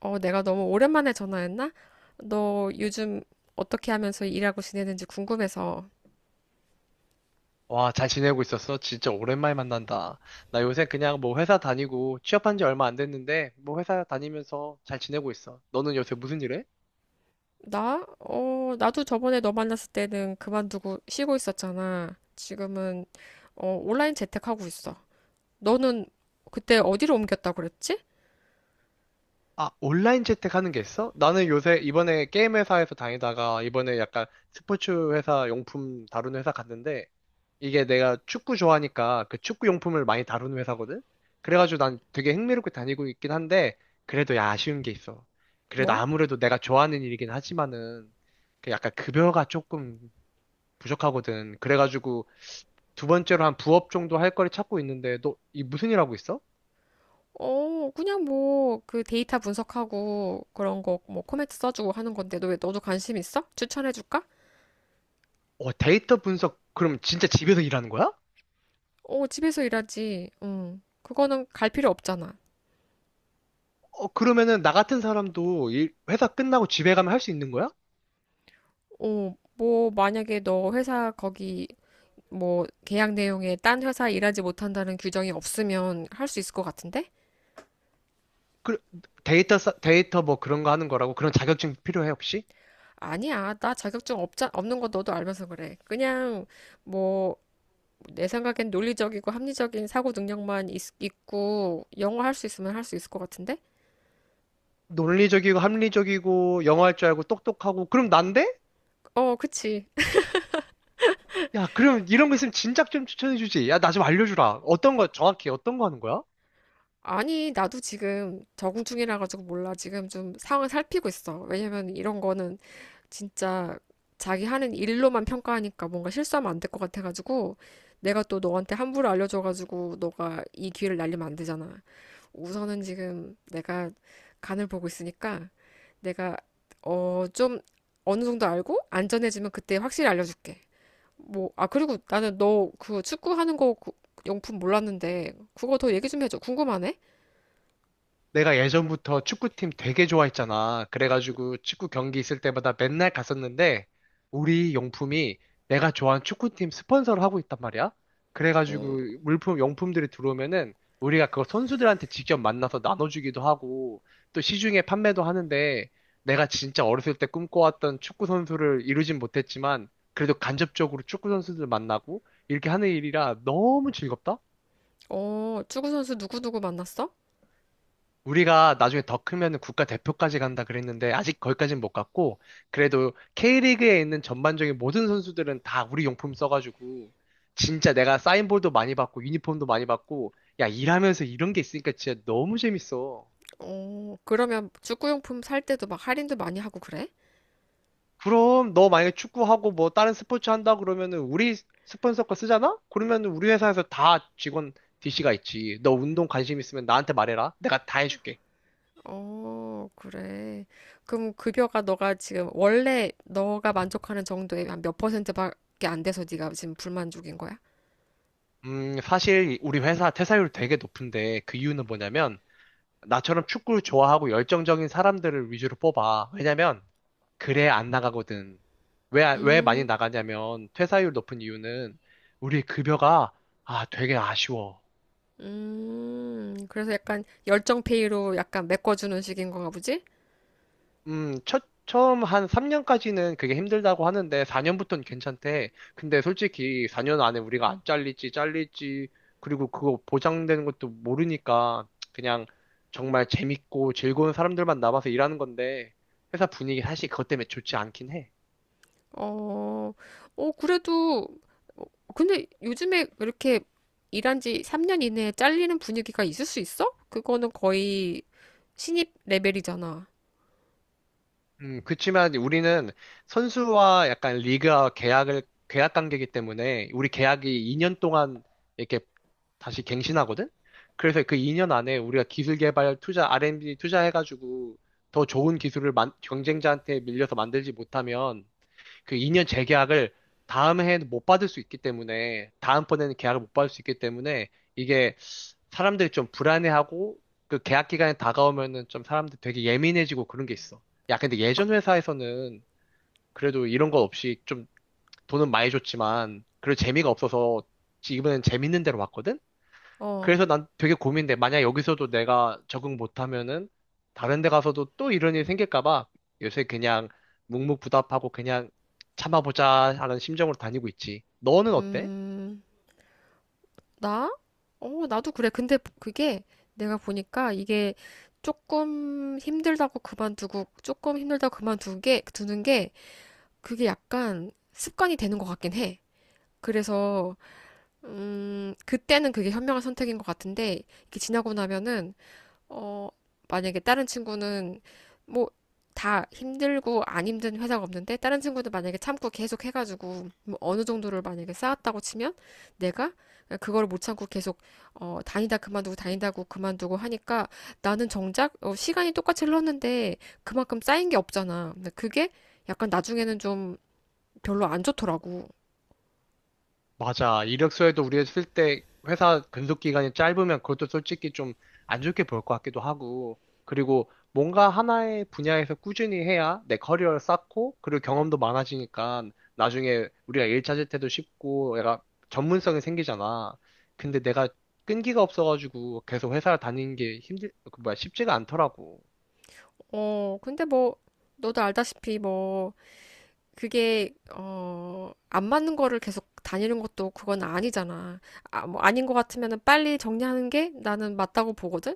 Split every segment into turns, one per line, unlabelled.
내가 너무 오랜만에 전화했나? 너 요즘 어떻게 하면서 일하고 지내는지 궁금해서.
와, 잘 지내고 있었어? 진짜 오랜만에 만난다. 나 요새 그냥 뭐 회사 다니고 취업한 지 얼마 안 됐는데 뭐 회사 다니면서 잘 지내고 있어. 너는 요새 무슨 일 해?
나? 나도 저번에 너 만났을 때는 그만두고 쉬고 있었잖아. 지금은 온라인 재택하고 있어. 너는 그때 어디로 옮겼다고 그랬지?
아, 온라인 재택하는 게 있어? 나는 요새 이번에 게임 회사에서 다니다가 이번에 약간 스포츠 회사 용품 다루는 회사 갔는데 이게 내가 축구 좋아하니까 그 축구 용품을 많이 다루는 회사거든? 그래가지고 난 되게 흥미롭게 다니고 있긴 한데 그래도 야, 아쉬운 게 있어. 그래도
뭐?
아무래도 내가 좋아하는 일이긴 하지만은 그 약간 급여가 조금 부족하거든. 그래가지고 두 번째로 한 부업 정도 할 거를 찾고 있는데 너 이 무슨 일 하고 있어?
그냥 뭐 그 데이터 분석하고 그런 거 뭐 코멘트 써주고 하는 건데 너 왜 너도 관심 있어? 추천해줄까?
어, 데이터 분석 그럼 진짜 집에서 일하는 거야?
집에서 일하지. 응. 그거는 갈 필요 없잖아.
어, 그러면은 나 같은 사람도 일, 회사 끝나고 집에 가면 할 수 있는 거야?
뭐, 만약에 너 회사 거기, 뭐, 계약 내용에 딴 회사 일하지 못한다는 규정이 없으면 할 수 있을 것 같은데?
그 데이터 뭐 그런 거 하는 거라고 그런 자격증 필요해 혹시?
아니야. 나 자격증 없는 거 너도 알면서 그래. 그냥, 뭐, 내 생각엔 논리적이고 합리적인 사고 능력만 있고, 영어 할 수 있으면 할 수 있을 것 같은데?
논리적이고 합리적이고 영어 할 줄 알고 똑똑하고 그럼 난데?
그치.
야, 그럼 이런 거 있으면 진작 좀 추천해 주지. 야, 나 좀 알려주라. 어떤 거 정확히 어떤 거 하는 거야?
아니, 나도 지금 적응 중이라 가지고 몰라. 지금 좀 상황 을 살피고 있어. 왜냐면 이런 거는 진짜 자기 하는 일로만 평가하니까 뭔가 실수하면 안될 것 같아가지고 내가 또 너한테 함부로 알려줘가지고 너가 이 기회를 날리면 안 되잖아. 우선은 지금 내가 간을 보고 있으니까 내가 좀 어느 정도 알고 안전해지면 그때 확실히 알려줄게. 뭐, 그리고 나는 너 그 축구하는 거 그 용품 몰랐는데 그거 더 얘기 좀 해줘. 궁금하네.
내가 예전부터 축구팀 되게 좋아했잖아. 그래가지고 축구 경기 있을 때마다 맨날 갔었는데 우리 용품이 내가 좋아하는 축구팀 스폰서를 하고 있단 말이야. 그래가지고
어,
물품, 용품들이 들어오면은 우리가 그걸 선수들한테 직접 만나서 나눠주기도 하고 또 시중에 판매도 하는데 내가 진짜 어렸을 때 꿈꿔왔던 축구 선수를 이루진 못했지만 그래도 간접적으로 축구 선수들 만나고 이렇게 하는 일이라 너무 즐겁다.
축구 선수 누구누구 만났어?
우리가 나중에 더 크면 국가 대표까지 간다 그랬는데 아직 거기까지는 못 갔고 그래도 K리그에 있는 전반적인 모든 선수들은 다 우리 용품 써가지고 진짜 내가 사인볼도 많이 받고 유니폼도 많이 받고 야 일하면서 이런 게 있으니까 진짜 너무 재밌어.
그러면 축구용품 살 때도 막 할인도 많이 하고 그래?
그럼 너 만약에 축구하고 뭐 다른 스포츠 한다 그러면은 우리 스폰서 거 쓰잖아? 그러면은 우리 회사에서 다 직원 DC가 있지. 너 운동 관심 있으면 나한테 말해라. 내가 다 해줄게.
어, 그래. 그럼 급여가 너가 지금 원래 너가 만족하는 정도의 한 몇 퍼센트밖에 안 돼서 네가 지금 불만족인 거야?
사실 우리 회사 퇴사율 되게 높은데 그 이유는 뭐냐면 나처럼 축구를 좋아하고 열정적인 사람들을 위주로 뽑아. 왜냐면, 그래 안 나가거든. 왜, 안- 왜 많이
음,
나가냐면, 퇴사율 높은 이유는 우리 급여가, 아, 되게 아쉬워.
그래서 약간 열정 페이로 약간 메꿔주는 식인 건가 보지?
처음 한 3년까지는 그게 힘들다고 하는데, 4년부터는 괜찮대. 근데 솔직히 4년 안에 우리가 안 잘릴지, 잘릴지, 그리고 그거 보장되는 것도 모르니까, 그냥 정말 재밌고 즐거운 사람들만 남아서 일하는 건데, 회사 분위기 사실 그것 때문에 좋지 않긴 해.
어, 그래도, 어, 근데 요즘에 이렇게 일한 지 3년 이내에 잘리는 분위기가 있을 수 있어? 그거는 거의 신입 레벨이잖아.
그치만 우리는 선수와 약간 리그와 계약을, 계약 관계이기 때문에 우리 계약이 2년 동안 이렇게 다시 갱신하거든? 그래서 그 2년 안에 우리가 기술 개발 투자, R&D 투자해가지고 더 좋은 경쟁자한테 밀려서 만들지 못하면 그 2년 재계약을 다음 해에는 못 받을 수 있기 때문에 다음번에는 계약을 못 받을 수 있기 때문에 이게 사람들이 좀 불안해하고 그 계약 기간이 다가오면은 좀 사람들 되게 예민해지고 그런 게 있어. 야, 근데
아,
예전 회사에서는 그래도 이런 거 없이 좀 돈은 많이 줬지만 그래도 재미가 없어서 이번엔 재밌는 데로 왔거든?
어,
그래서 난 되게 고민돼. 만약 여기서도 내가 적응 못하면은 다른 데 가서도 또 이런 일이 생길까 봐 요새 그냥 묵묵부답하고 그냥 참아보자 하는 심정으로 다니고 있지. 너는 어때?
음, 나? 나도 그래. 근데 그게 내가 보니까 이게 조금 힘들다고 그만두고, 조금 힘들다고 두는 게, 그게 약간 습관이 되는 것 같긴 해. 그래서 그때는 그게 현명한 선택인 것 같은데, 이게 지나고 나면은, 어, 만약에 다른 친구는, 뭐, 다 힘들고 안 힘든 회사가 없는데, 다른 친구도 만약에 참고 계속 해가지고, 뭐 어느 정도를 만약에 쌓았다고 치면, 내가 그걸 못 참고 계속, 다니다 그만두고 다니다고 그만두고 하니까, 나는 정작, 시간이 똑같이 흘렀는데, 그만큼 쌓인 게 없잖아. 근데 그게 약간 나중에는 좀 별로 안 좋더라고.
맞아. 이력서에도 우리가 쓸 때 회사 근속 기간이 짧으면 그것도 솔직히 좀 안 좋게 볼 것 같기도 하고, 그리고 뭔가 하나의 분야에서 꾸준히 해야 내 커리어를 쌓고, 그리고 경험도 많아지니까 나중에 우리가 일 찾을 때도 쉽고, 내가 전문성이 생기잖아. 근데 내가 끈기가 없어가지고 계속 회사를 다니는 게 힘들, 그 뭐야, 쉽지가 않더라고.
근데 뭐, 너도 알다시피 뭐, 그게 안 맞는 거를 계속 다니는 것도 그건 아니잖아. 뭐 아닌 것 같으면은 빨리 정리하는 게 나는 맞다고 보거든.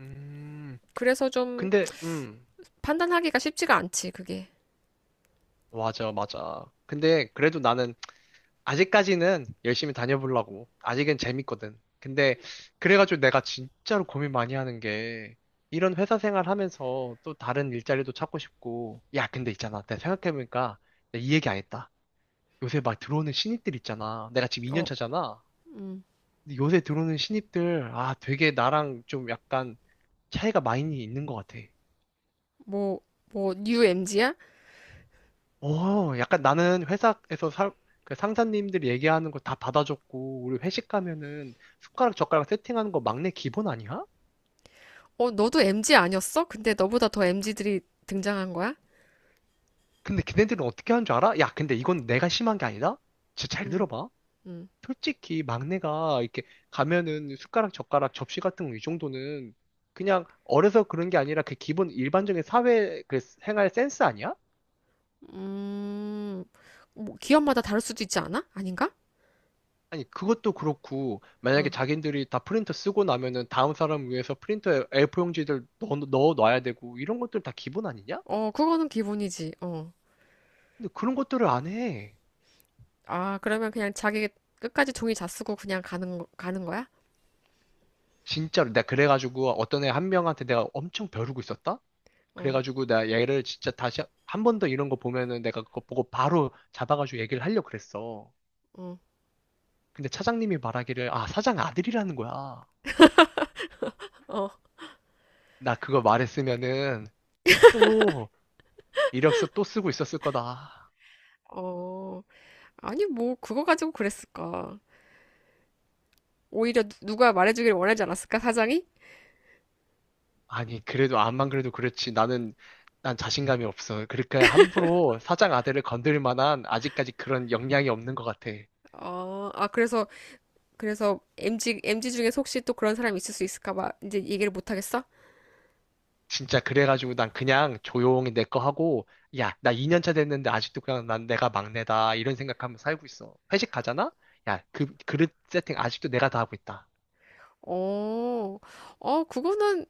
음,
그래서 좀
근데, 음,
판단하기가 쉽지가 않지, 그게.
맞아, 맞아. 근데 그래도 나는 아직까지는 열심히 다녀보려고. 아직은 재밌거든. 근데 그래가지고 내가 진짜로 고민 많이 하는 게 이런 회사 생활 하면서 또 다른 일자리도 찾고 싶고. 야, 근데 있잖아. 내가 생각해보니까 내가 이 얘기 안 했다. 요새 막 들어오는 신입들 있잖아. 내가 지금 2년
어,
차잖아. 근데 요새 들어오는 신입들, 아, 되게 나랑 좀 약간 차이가 많이 있는 것 같아.
뭐, 뭐, 뉴 MG야?
어, 약간 나는 그 상사님들이 얘기하는 거 다 받아줬고, 우리 회식 가면은 숟가락 젓가락 세팅하는 거 막내 기본 아니야?
너도 MG 아니었어? 근데 너보다 더 MG들이 등장한 거야?
근데 걔네들은 어떻게 하는 줄 알아? 야, 근데 이건 내가 심한 게 아니다? 진짜 잘
음,
들어봐.
응
솔직히 막내가 이렇게 가면은 숟가락 젓가락 접시 같은 거 이 정도는 그냥 어려서 그런 게 아니라 그 기본 일반적인 사회 그 생활 센스 아니야?
음, 뭐, 기업마다 다를 수도 있지 않아? 아닌가?
아니, 그것도 그렇고,
어,
만약에 자기들이 다 프린터 쓰고 나면은 다음 사람 위해서 프린터에 A4용지들 넣어 놔야 되고, 이런 것들 다 기본 아니냐?
어, 그거는 기본이지. 어.
근데 그런 것들을 안 해.
그러면 그냥 자기 끝까지 종이 다 쓰고 그냥 가는 거야?
진짜로. 내가 그래가지고 어떤 애 한 명한테 내가 엄청 벼르고 있었다?
어.
그래가지고 내가 얘를 진짜 다시 한 번 더 이런 거 보면은 내가 그거 보고 바로 잡아가지고 얘기를 하려고 그랬어.
어.
근데 차장님이 말하기를, 아, 사장 아들이라는 거야.
어,
나 그거 말했으면은 또 이력서 또 쓰고 있었을 거다.
어, 아니, 뭐, 그거 가지고 그랬을까. 오히려 누가 말해주길 원하지 않았을까, 사장이?
아니, 그래도 암만 그래도 그렇지. 난 자신감이 없어. 그러니까 함부로 사장 아들을 건들 만한 아직까지 그런 역량이 없는 것 같아.
어, 아, 그래서, 그래서, MG, MG 중에 혹시 또 그런 사람이 있을 수 있을까 봐, 이제 얘기를 못 하겠어?
진짜 그래가지고 난 그냥 조용히 내 거 하고, 야, 나 2년 차 됐는데 아직도 그냥 난 내가 막내다. 이런 생각하면서 살고 있어. 회식 가잖아? 야, 그, 그릇 세팅 아직도 내가 다 하고 있다.
어, 어,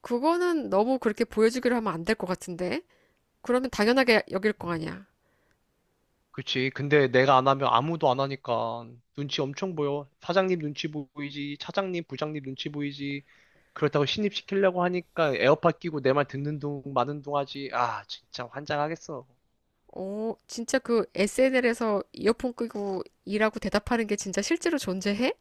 그거는 너무 그렇게 보여주기로 하면 안 될 것 같은데? 그러면 당연하게 여길 거 아니야.
그치. 근데 내가 안 하면 아무도 안 하니까 눈치 엄청 보여. 사장님 눈치 보이지. 차장님, 부장님 눈치 보이지. 그렇다고 신입시키려고 하니까 에어팟 끼고 내 말 듣는 둥 마는 둥 하지. 아, 진짜 환장하겠어.
진짜 그 SNL에서 이어폰 끄고 일하고 대답하는 게 진짜 실제로 존재해?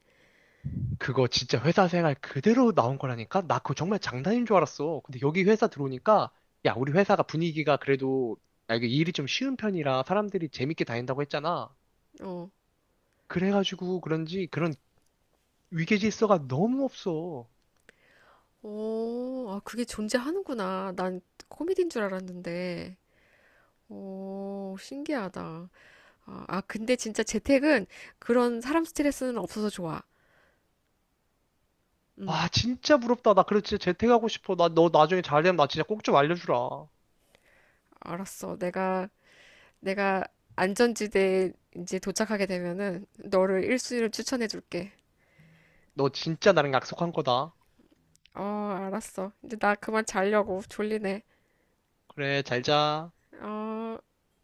그거 진짜 회사 생활 그대로 나온 거라니까? 나 그거 정말 장난인 줄 알았어. 근데 여기 회사 들어오니까, 야, 우리 회사가 분위기가 그래도, 아, 이게 일이 좀 쉬운 편이라 사람들이 재밌게 다닌다고 했잖아.
어,
그래가지고 그런지 그런 위계질서가 너무 없어.
오, 아, 그게 존재하는구나. 난 코미디인 줄 알았는데. 오, 신기하다. 아, 아, 근데 진짜 재택은 그런 사람 스트레스는 없어서 좋아. 응,
와, 진짜 부럽다. 나 그래 진짜 재택하고 싶어. 나 너 나중에 잘 되면 나 진짜 꼭 좀 알려주라.
알았어. 내가 안전지대에 이제 도착하게 되면은 너를 1순위로 추천해 줄게.
너 진짜 나랑 약속한 거다.
어, 알았어. 이제 나 그만 자려고. 졸리네.
그래, 잘 자.
어.